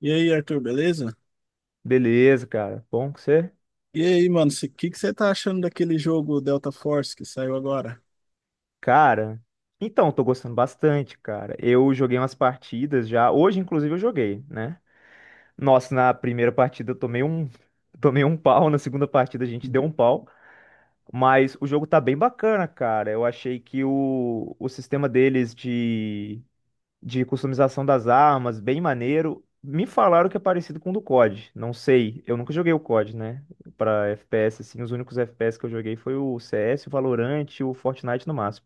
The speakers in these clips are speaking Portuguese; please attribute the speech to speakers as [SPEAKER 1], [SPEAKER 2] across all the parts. [SPEAKER 1] E aí, Arthur, beleza?
[SPEAKER 2] Beleza, cara. Bom que você.
[SPEAKER 1] E aí, mano, o que que você tá achando daquele jogo Delta Force que saiu agora?
[SPEAKER 2] Cara, então, tô gostando bastante, cara. Eu joguei umas partidas já. Hoje, inclusive, eu joguei, né? Nossa, na primeira partida eu tomei um, tomei um pau. Na segunda partida a gente deu um pau. Mas o jogo tá bem bacana, cara. Eu achei que o sistema deles de customização das armas, bem maneiro. Me falaram que é parecido com o do COD. Não sei, eu nunca joguei o COD, né? Pra FPS, assim, os únicos FPS que eu joguei foi o CS, o Valorant e o Fortnite no máximo.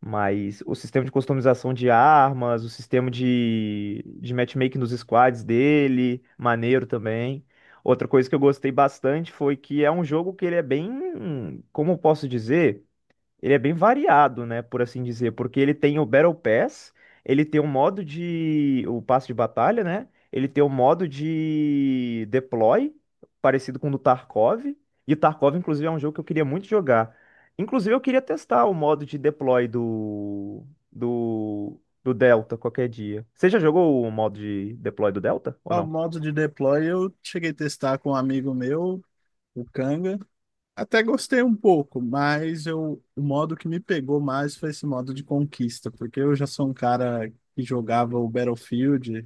[SPEAKER 2] Mas o sistema de customização de armas, o sistema de matchmaking nos squads dele, maneiro também. Outra coisa que eu gostei bastante foi que é um jogo que ele é bem, como eu posso dizer? Ele é bem variado, né, por assim dizer, porque ele tem o Battle Pass, ele tem o modo de o passe de batalha, né? Ele tem o modo de deploy, parecido com o do Tarkov, e o Tarkov inclusive é um jogo que eu queria muito jogar. Inclusive eu queria testar o modo de deploy do Delta qualquer dia. Você já jogou o modo de deploy do Delta ou
[SPEAKER 1] Ah, o
[SPEAKER 2] não?
[SPEAKER 1] modo de deploy eu cheguei a testar com um amigo meu, o Kanga. Até gostei um pouco, mas o modo que me pegou mais foi esse modo de conquista, porque eu já sou um cara que jogava o Battlefield.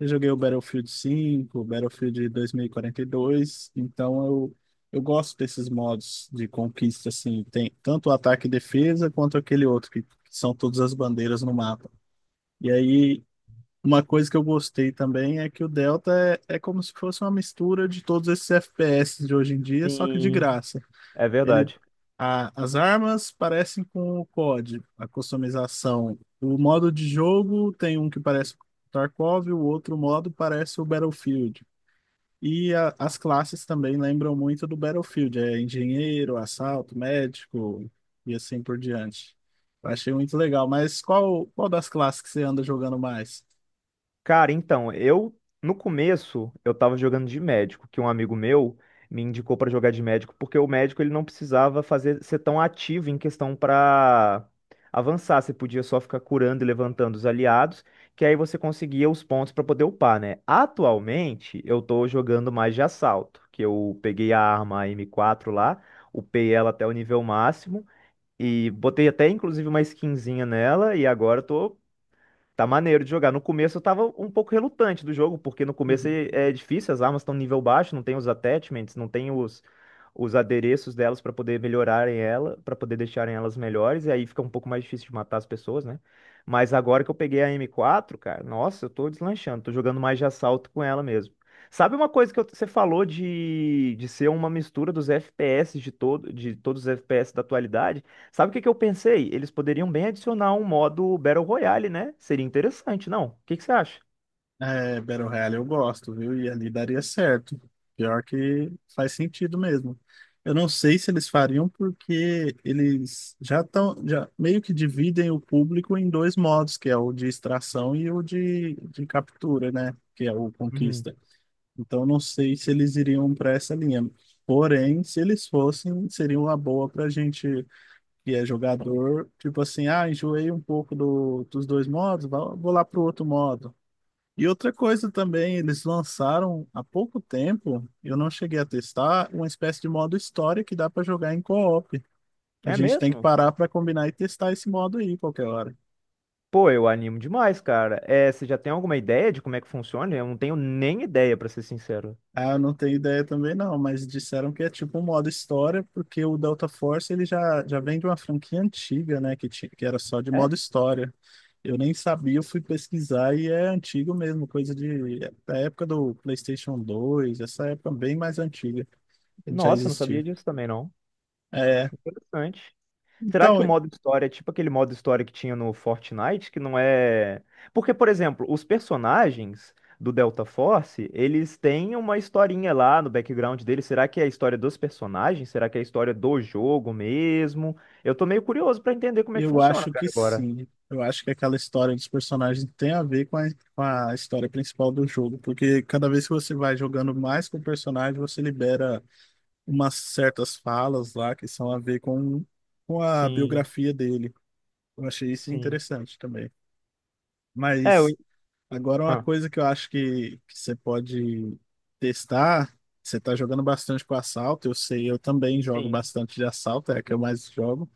[SPEAKER 1] Eu joguei o Battlefield 5, o Battlefield 2042, então eu gosto desses modos de conquista, assim, tem tanto o ataque e defesa quanto aquele outro, que são todas as bandeiras no mapa. E aí, uma coisa que eu gostei também é que o Delta é como se fosse uma mistura de todos esses FPS de hoje em dia, só que de
[SPEAKER 2] Sim,
[SPEAKER 1] graça.
[SPEAKER 2] é
[SPEAKER 1] Ele,
[SPEAKER 2] verdade.
[SPEAKER 1] as armas parecem com o COD, a customização. O modo de jogo tem um que parece com o Tarkov, o outro modo parece o Battlefield. E as classes também lembram muito do Battlefield, é engenheiro, assalto, médico e assim por diante. Eu achei muito legal, mas qual das classes que você anda jogando mais?
[SPEAKER 2] Cara, então, eu no começo eu tava jogando de médico, que um amigo meu me indicou pra jogar de médico, porque o médico ele não precisava fazer ser tão ativo em questão pra avançar, você podia só ficar curando e levantando os aliados, que aí você conseguia os pontos pra poder upar, né? Atualmente eu tô jogando mais de assalto, que eu peguei a arma M4 lá, upei ela até o nível máximo e botei até inclusive uma skinzinha nela e agora eu tô tá maneiro de jogar. No começo eu tava um pouco relutante do jogo, porque no começo é difícil, as armas estão nível baixo, não tem os attachments, não tem os adereços delas pra poder melhorarem ela, pra poder deixarem elas melhores, e aí fica um pouco mais difícil de matar as pessoas, né? Mas agora que eu peguei a M4, cara, nossa, eu tô deslanchando, tô jogando mais de assalto com ela mesmo. Sabe uma coisa você falou de ser uma mistura dos FPS de todos os FPS da atualidade? Sabe o que que eu pensei? Eles poderiam bem adicionar um modo Battle Royale, né? Seria interessante, não? O que que você acha?
[SPEAKER 1] É, Battle Royale eu gosto, viu? E ali daria certo. Pior que faz sentido mesmo. Eu não sei se eles fariam porque eles já meio que dividem o público em dois modos, que é o de extração e o de captura, né? Que é o
[SPEAKER 2] Uhum.
[SPEAKER 1] conquista. Então não sei se eles iriam para essa linha. Porém, se eles fossem, seria uma boa para gente que é jogador, tipo assim, ah, enjoei um pouco dos dois modos, vou lá pro outro modo. E outra coisa também, eles lançaram há pouco tempo, eu não cheguei a testar, uma espécie de modo história que dá para jogar em co-op. A
[SPEAKER 2] É
[SPEAKER 1] gente tem que
[SPEAKER 2] mesmo?
[SPEAKER 1] parar para combinar e testar esse modo aí qualquer hora.
[SPEAKER 2] Pô, eu animo demais, cara. É, você já tem alguma ideia de como é que funciona? Eu não tenho nem ideia, pra ser sincero.
[SPEAKER 1] Ah, eu não tenho ideia também não, mas disseram que é tipo um modo história, porque o Delta Force ele já vem de uma franquia antiga, né, que era só de
[SPEAKER 2] É?
[SPEAKER 1] modo história. Eu nem sabia, eu fui pesquisar e é antigo mesmo, coisa da época do PlayStation 2, essa época bem mais antiga, ele já
[SPEAKER 2] Nossa, eu não
[SPEAKER 1] existia.
[SPEAKER 2] sabia disso também, não.
[SPEAKER 1] É,
[SPEAKER 2] Interessante. Será que
[SPEAKER 1] então,
[SPEAKER 2] o modo história é tipo aquele modo história que tinha no Fortnite, que não é... Porque, por exemplo, os personagens do Delta Force, eles têm uma historinha lá no background deles. Será que é a história dos personagens? Será que é a história do jogo mesmo? Eu tô meio curioso pra entender como é que
[SPEAKER 1] eu
[SPEAKER 2] funciona,
[SPEAKER 1] acho
[SPEAKER 2] cara,
[SPEAKER 1] que
[SPEAKER 2] agora.
[SPEAKER 1] sim. Eu acho que aquela história dos personagens tem a ver com a história principal do jogo, porque cada vez que você vai jogando mais com o personagem, você libera umas certas falas lá que são a ver com a
[SPEAKER 2] Sim,
[SPEAKER 1] biografia dele. Eu achei isso
[SPEAKER 2] sim.
[SPEAKER 1] interessante também.
[SPEAKER 2] É, eu...
[SPEAKER 1] Mas agora uma
[SPEAKER 2] Ah,
[SPEAKER 1] coisa que eu acho que você pode testar, você tá jogando bastante com assalto, eu sei, eu também jogo
[SPEAKER 2] sim.
[SPEAKER 1] bastante de assalto, é a que eu mais jogo.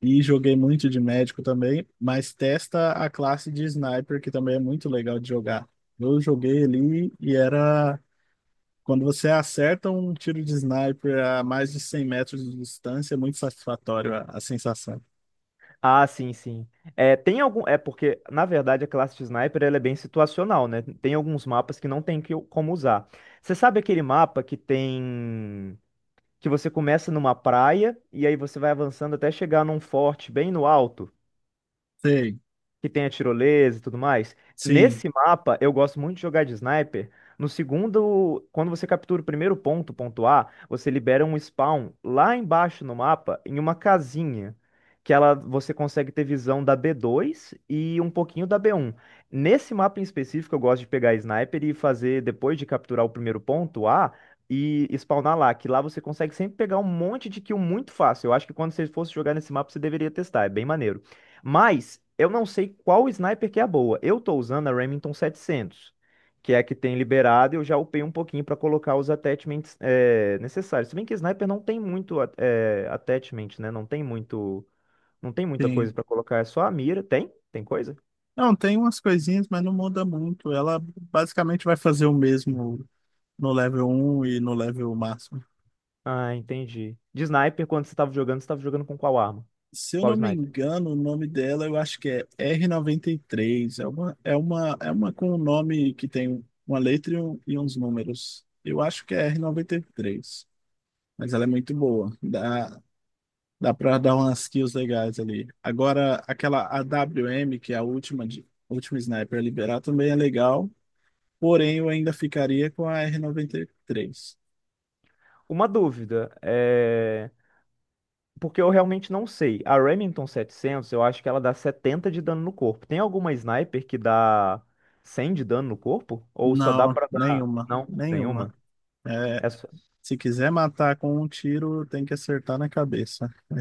[SPEAKER 1] E joguei muito de médico também, mas testa a classe de sniper, que também é muito legal de jogar. Eu joguei ali e era. Quando você acerta um tiro de sniper a mais de 100 metros de distância, é muito satisfatório a sensação.
[SPEAKER 2] Ah, sim, sim. É, tem algum. É porque, na verdade, a classe de sniper ela é bem situacional, né? Tem alguns mapas que não tem que, como usar. Você sabe aquele mapa que tem. Que você começa numa praia e aí você vai avançando até chegar num forte bem no alto?
[SPEAKER 1] Sei,
[SPEAKER 2] Que tem a tirolesa e tudo mais.
[SPEAKER 1] sim,
[SPEAKER 2] Nesse mapa, eu gosto muito de jogar de sniper. No segundo, quando você captura o primeiro ponto, ponto A, você libera um spawn lá embaixo no mapa, em uma casinha, que ela você consegue ter visão da B2 e um pouquinho da B1. Nesse mapa em específico, eu gosto de pegar sniper e fazer, depois de capturar o primeiro ponto A, e spawnar lá, que lá você consegue sempre pegar um monte de kill muito fácil. Eu acho que quando você fosse jogar nesse mapa, você deveria testar, é bem maneiro. Mas eu não sei qual sniper que é a boa. Eu tô usando a Remington 700, que é a que tem liberado. Eu já upei um pouquinho para colocar os attachments necessários. Se bem que sniper não tem muito attachment, né? Não tem muita coisa
[SPEAKER 1] sim.
[SPEAKER 2] para colocar. É só a mira. Tem? Tem coisa?
[SPEAKER 1] Não, tem umas coisinhas, mas não muda muito. Ela basicamente vai fazer o mesmo no level um e no level máximo.
[SPEAKER 2] Ah, entendi. De sniper, quando você estava jogando com qual arma?
[SPEAKER 1] Se eu
[SPEAKER 2] Qual
[SPEAKER 1] não me
[SPEAKER 2] sniper?
[SPEAKER 1] engano, o nome dela eu acho que é R-93. É uma com um nome que tem uma letra e uns números. Eu acho que é R noventa e três. Mas ela é muito boa. Dá pra dar umas kills legais ali. Agora, aquela AWM, que é a última, última sniper a liberar, também é legal. Porém, eu ainda ficaria com a R-93.
[SPEAKER 2] Uma dúvida, é, porque eu realmente não sei. A Remington setecentos eu acho que ela dá 70 de dano no corpo. Tem alguma sniper que dá 100 de dano no corpo? Ou só dá
[SPEAKER 1] Não,
[SPEAKER 2] pra dar...
[SPEAKER 1] nenhuma.
[SPEAKER 2] Não,
[SPEAKER 1] Nenhuma.
[SPEAKER 2] nenhuma?
[SPEAKER 1] É.
[SPEAKER 2] Essa...
[SPEAKER 1] Se quiser matar com um tiro, tem que acertar na cabeça. É,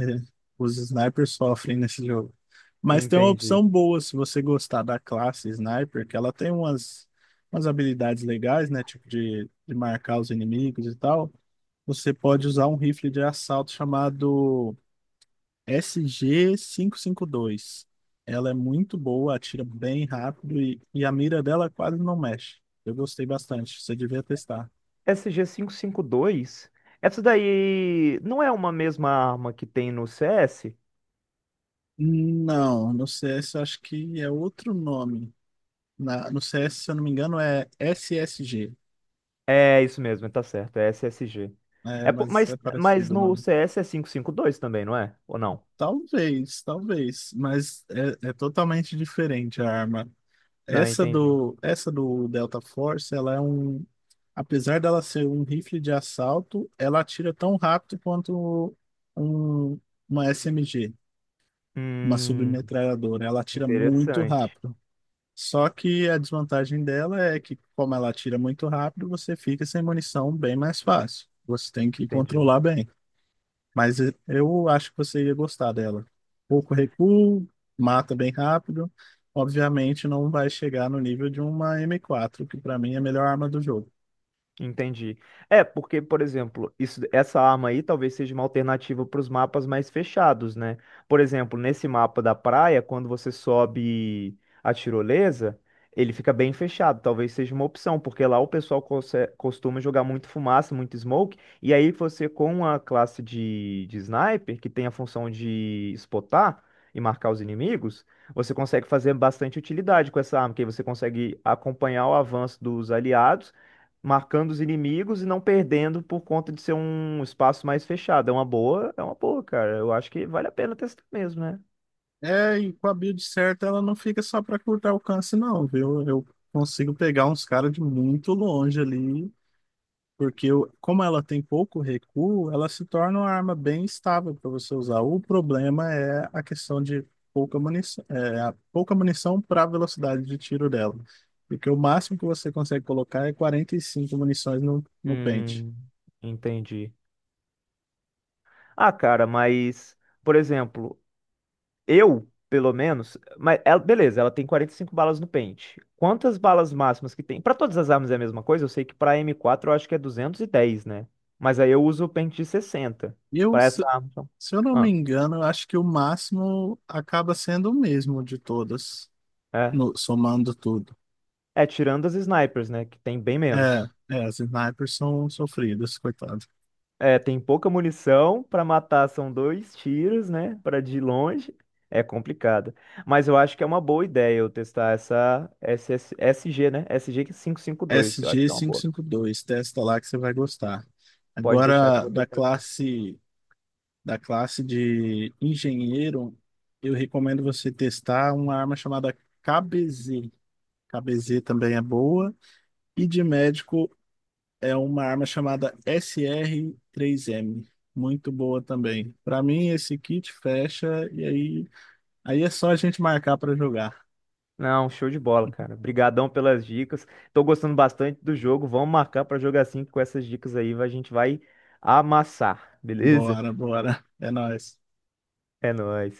[SPEAKER 1] os snipers sofrem nesse jogo. Mas tem uma
[SPEAKER 2] Entendi.
[SPEAKER 1] opção boa se você gostar da classe sniper, que ela tem umas habilidades legais, né? Tipo de marcar os inimigos e tal. Você pode usar um rifle de assalto chamado SG-552. Ela é muito boa, atira bem rápido e a mira dela quase não mexe. Eu gostei bastante, você devia testar.
[SPEAKER 2] SG dois, essa daí não é uma mesma arma que tem no CS?
[SPEAKER 1] Não, no CS eu acho que é outro nome. No CS, se eu não me engano, é SSG,
[SPEAKER 2] É isso mesmo, tá certo, é SSG.
[SPEAKER 1] né?
[SPEAKER 2] É,
[SPEAKER 1] Mas é
[SPEAKER 2] mas
[SPEAKER 1] parecido o
[SPEAKER 2] no
[SPEAKER 1] nome.
[SPEAKER 2] CS é 552 também, não é? Ou não?
[SPEAKER 1] Talvez, talvez, mas é totalmente diferente a arma.
[SPEAKER 2] Não,
[SPEAKER 1] Essa
[SPEAKER 2] entendi.
[SPEAKER 1] do, essa do Delta Force, ela é um. Apesar dela ser um rifle de assalto, ela atira tão rápido quanto um, uma SMG, uma
[SPEAKER 2] Hum,
[SPEAKER 1] submetralhadora. Ela atira muito
[SPEAKER 2] interessante.
[SPEAKER 1] rápido. Só que a desvantagem dela é que, como ela atira muito rápido, você fica sem munição bem mais fácil. Você tem que
[SPEAKER 2] Entendi.
[SPEAKER 1] controlar bem. Mas eu acho que você ia gostar dela. Pouco recuo, mata bem rápido. Obviamente não vai chegar no nível de uma M4, que pra mim é a melhor arma do jogo.
[SPEAKER 2] Entendi. É, porque, por exemplo, isso, essa arma aí talvez seja uma alternativa para os mapas mais fechados, né? Por exemplo, nesse mapa da praia, quando você sobe a tirolesa, ele fica bem fechado. Talvez seja uma opção, porque lá o pessoal costuma jogar muito fumaça, muito smoke, e aí você, com a classe de sniper, que tem a função de spotar e marcar os inimigos. Você consegue fazer bastante utilidade com essa arma, que aí você consegue acompanhar o avanço dos aliados marcando os inimigos e não perdendo por conta de ser um espaço mais fechado. É uma boa, cara. Eu acho que vale a pena testar mesmo, né?
[SPEAKER 1] É, e com a build certa, ela não fica só pra curto alcance, não, viu? Eu consigo pegar uns caras de muito longe ali. Porque como ela tem pouco recuo, ela se torna uma arma bem estável para você usar. O problema é a questão de pouca munição, a pouca munição para a velocidade de tiro dela. Porque o máximo que você consegue colocar é 45 munições no pente.
[SPEAKER 2] Hum, entendi. Ah, cara, mas, por exemplo, eu, pelo menos, mas ela, beleza, ela tem 45 balas no pente. Quantas balas máximas que tem? Pra todas as armas é a mesma coisa? Eu sei que pra M4 eu acho que é 210, né? Mas aí eu uso o pente de 60.
[SPEAKER 1] E eu,
[SPEAKER 2] Pra essa
[SPEAKER 1] se,
[SPEAKER 2] arma. Então.
[SPEAKER 1] se eu não me
[SPEAKER 2] Ah,
[SPEAKER 1] engano, eu acho que o máximo acaba sendo o mesmo de todas,
[SPEAKER 2] é.
[SPEAKER 1] somando tudo.
[SPEAKER 2] É, tirando as snipers, né? Que tem bem
[SPEAKER 1] É,
[SPEAKER 2] menos.
[SPEAKER 1] é, as snipers são sofridas, coitado.
[SPEAKER 2] É, tem pouca munição pra matar, são dois tiros, né? Pra de longe. É complicado. Mas eu acho que é uma boa ideia eu testar essa SS SG, né? SG dois eu acho que é uma boa.
[SPEAKER 1] SG dois, testa lá que você vai gostar.
[SPEAKER 2] Pode deixar que eu
[SPEAKER 1] Agora,
[SPEAKER 2] vou
[SPEAKER 1] da
[SPEAKER 2] testar sim.
[SPEAKER 1] classe, da classe de engenheiro, eu recomendo você testar uma arma chamada KBZ. KBZ também é boa. E de médico é uma arma chamada SR-3M. Muito boa também. Para mim, esse kit fecha e aí, é só a gente marcar para jogar.
[SPEAKER 2] Não, show de bola, cara. Obrigadão pelas dicas. Tô gostando bastante do jogo. Vamos marcar pra jogar assim que com essas dicas aí, a gente vai amassar, beleza?
[SPEAKER 1] Bora, bora. É nóis.
[SPEAKER 2] É nóis.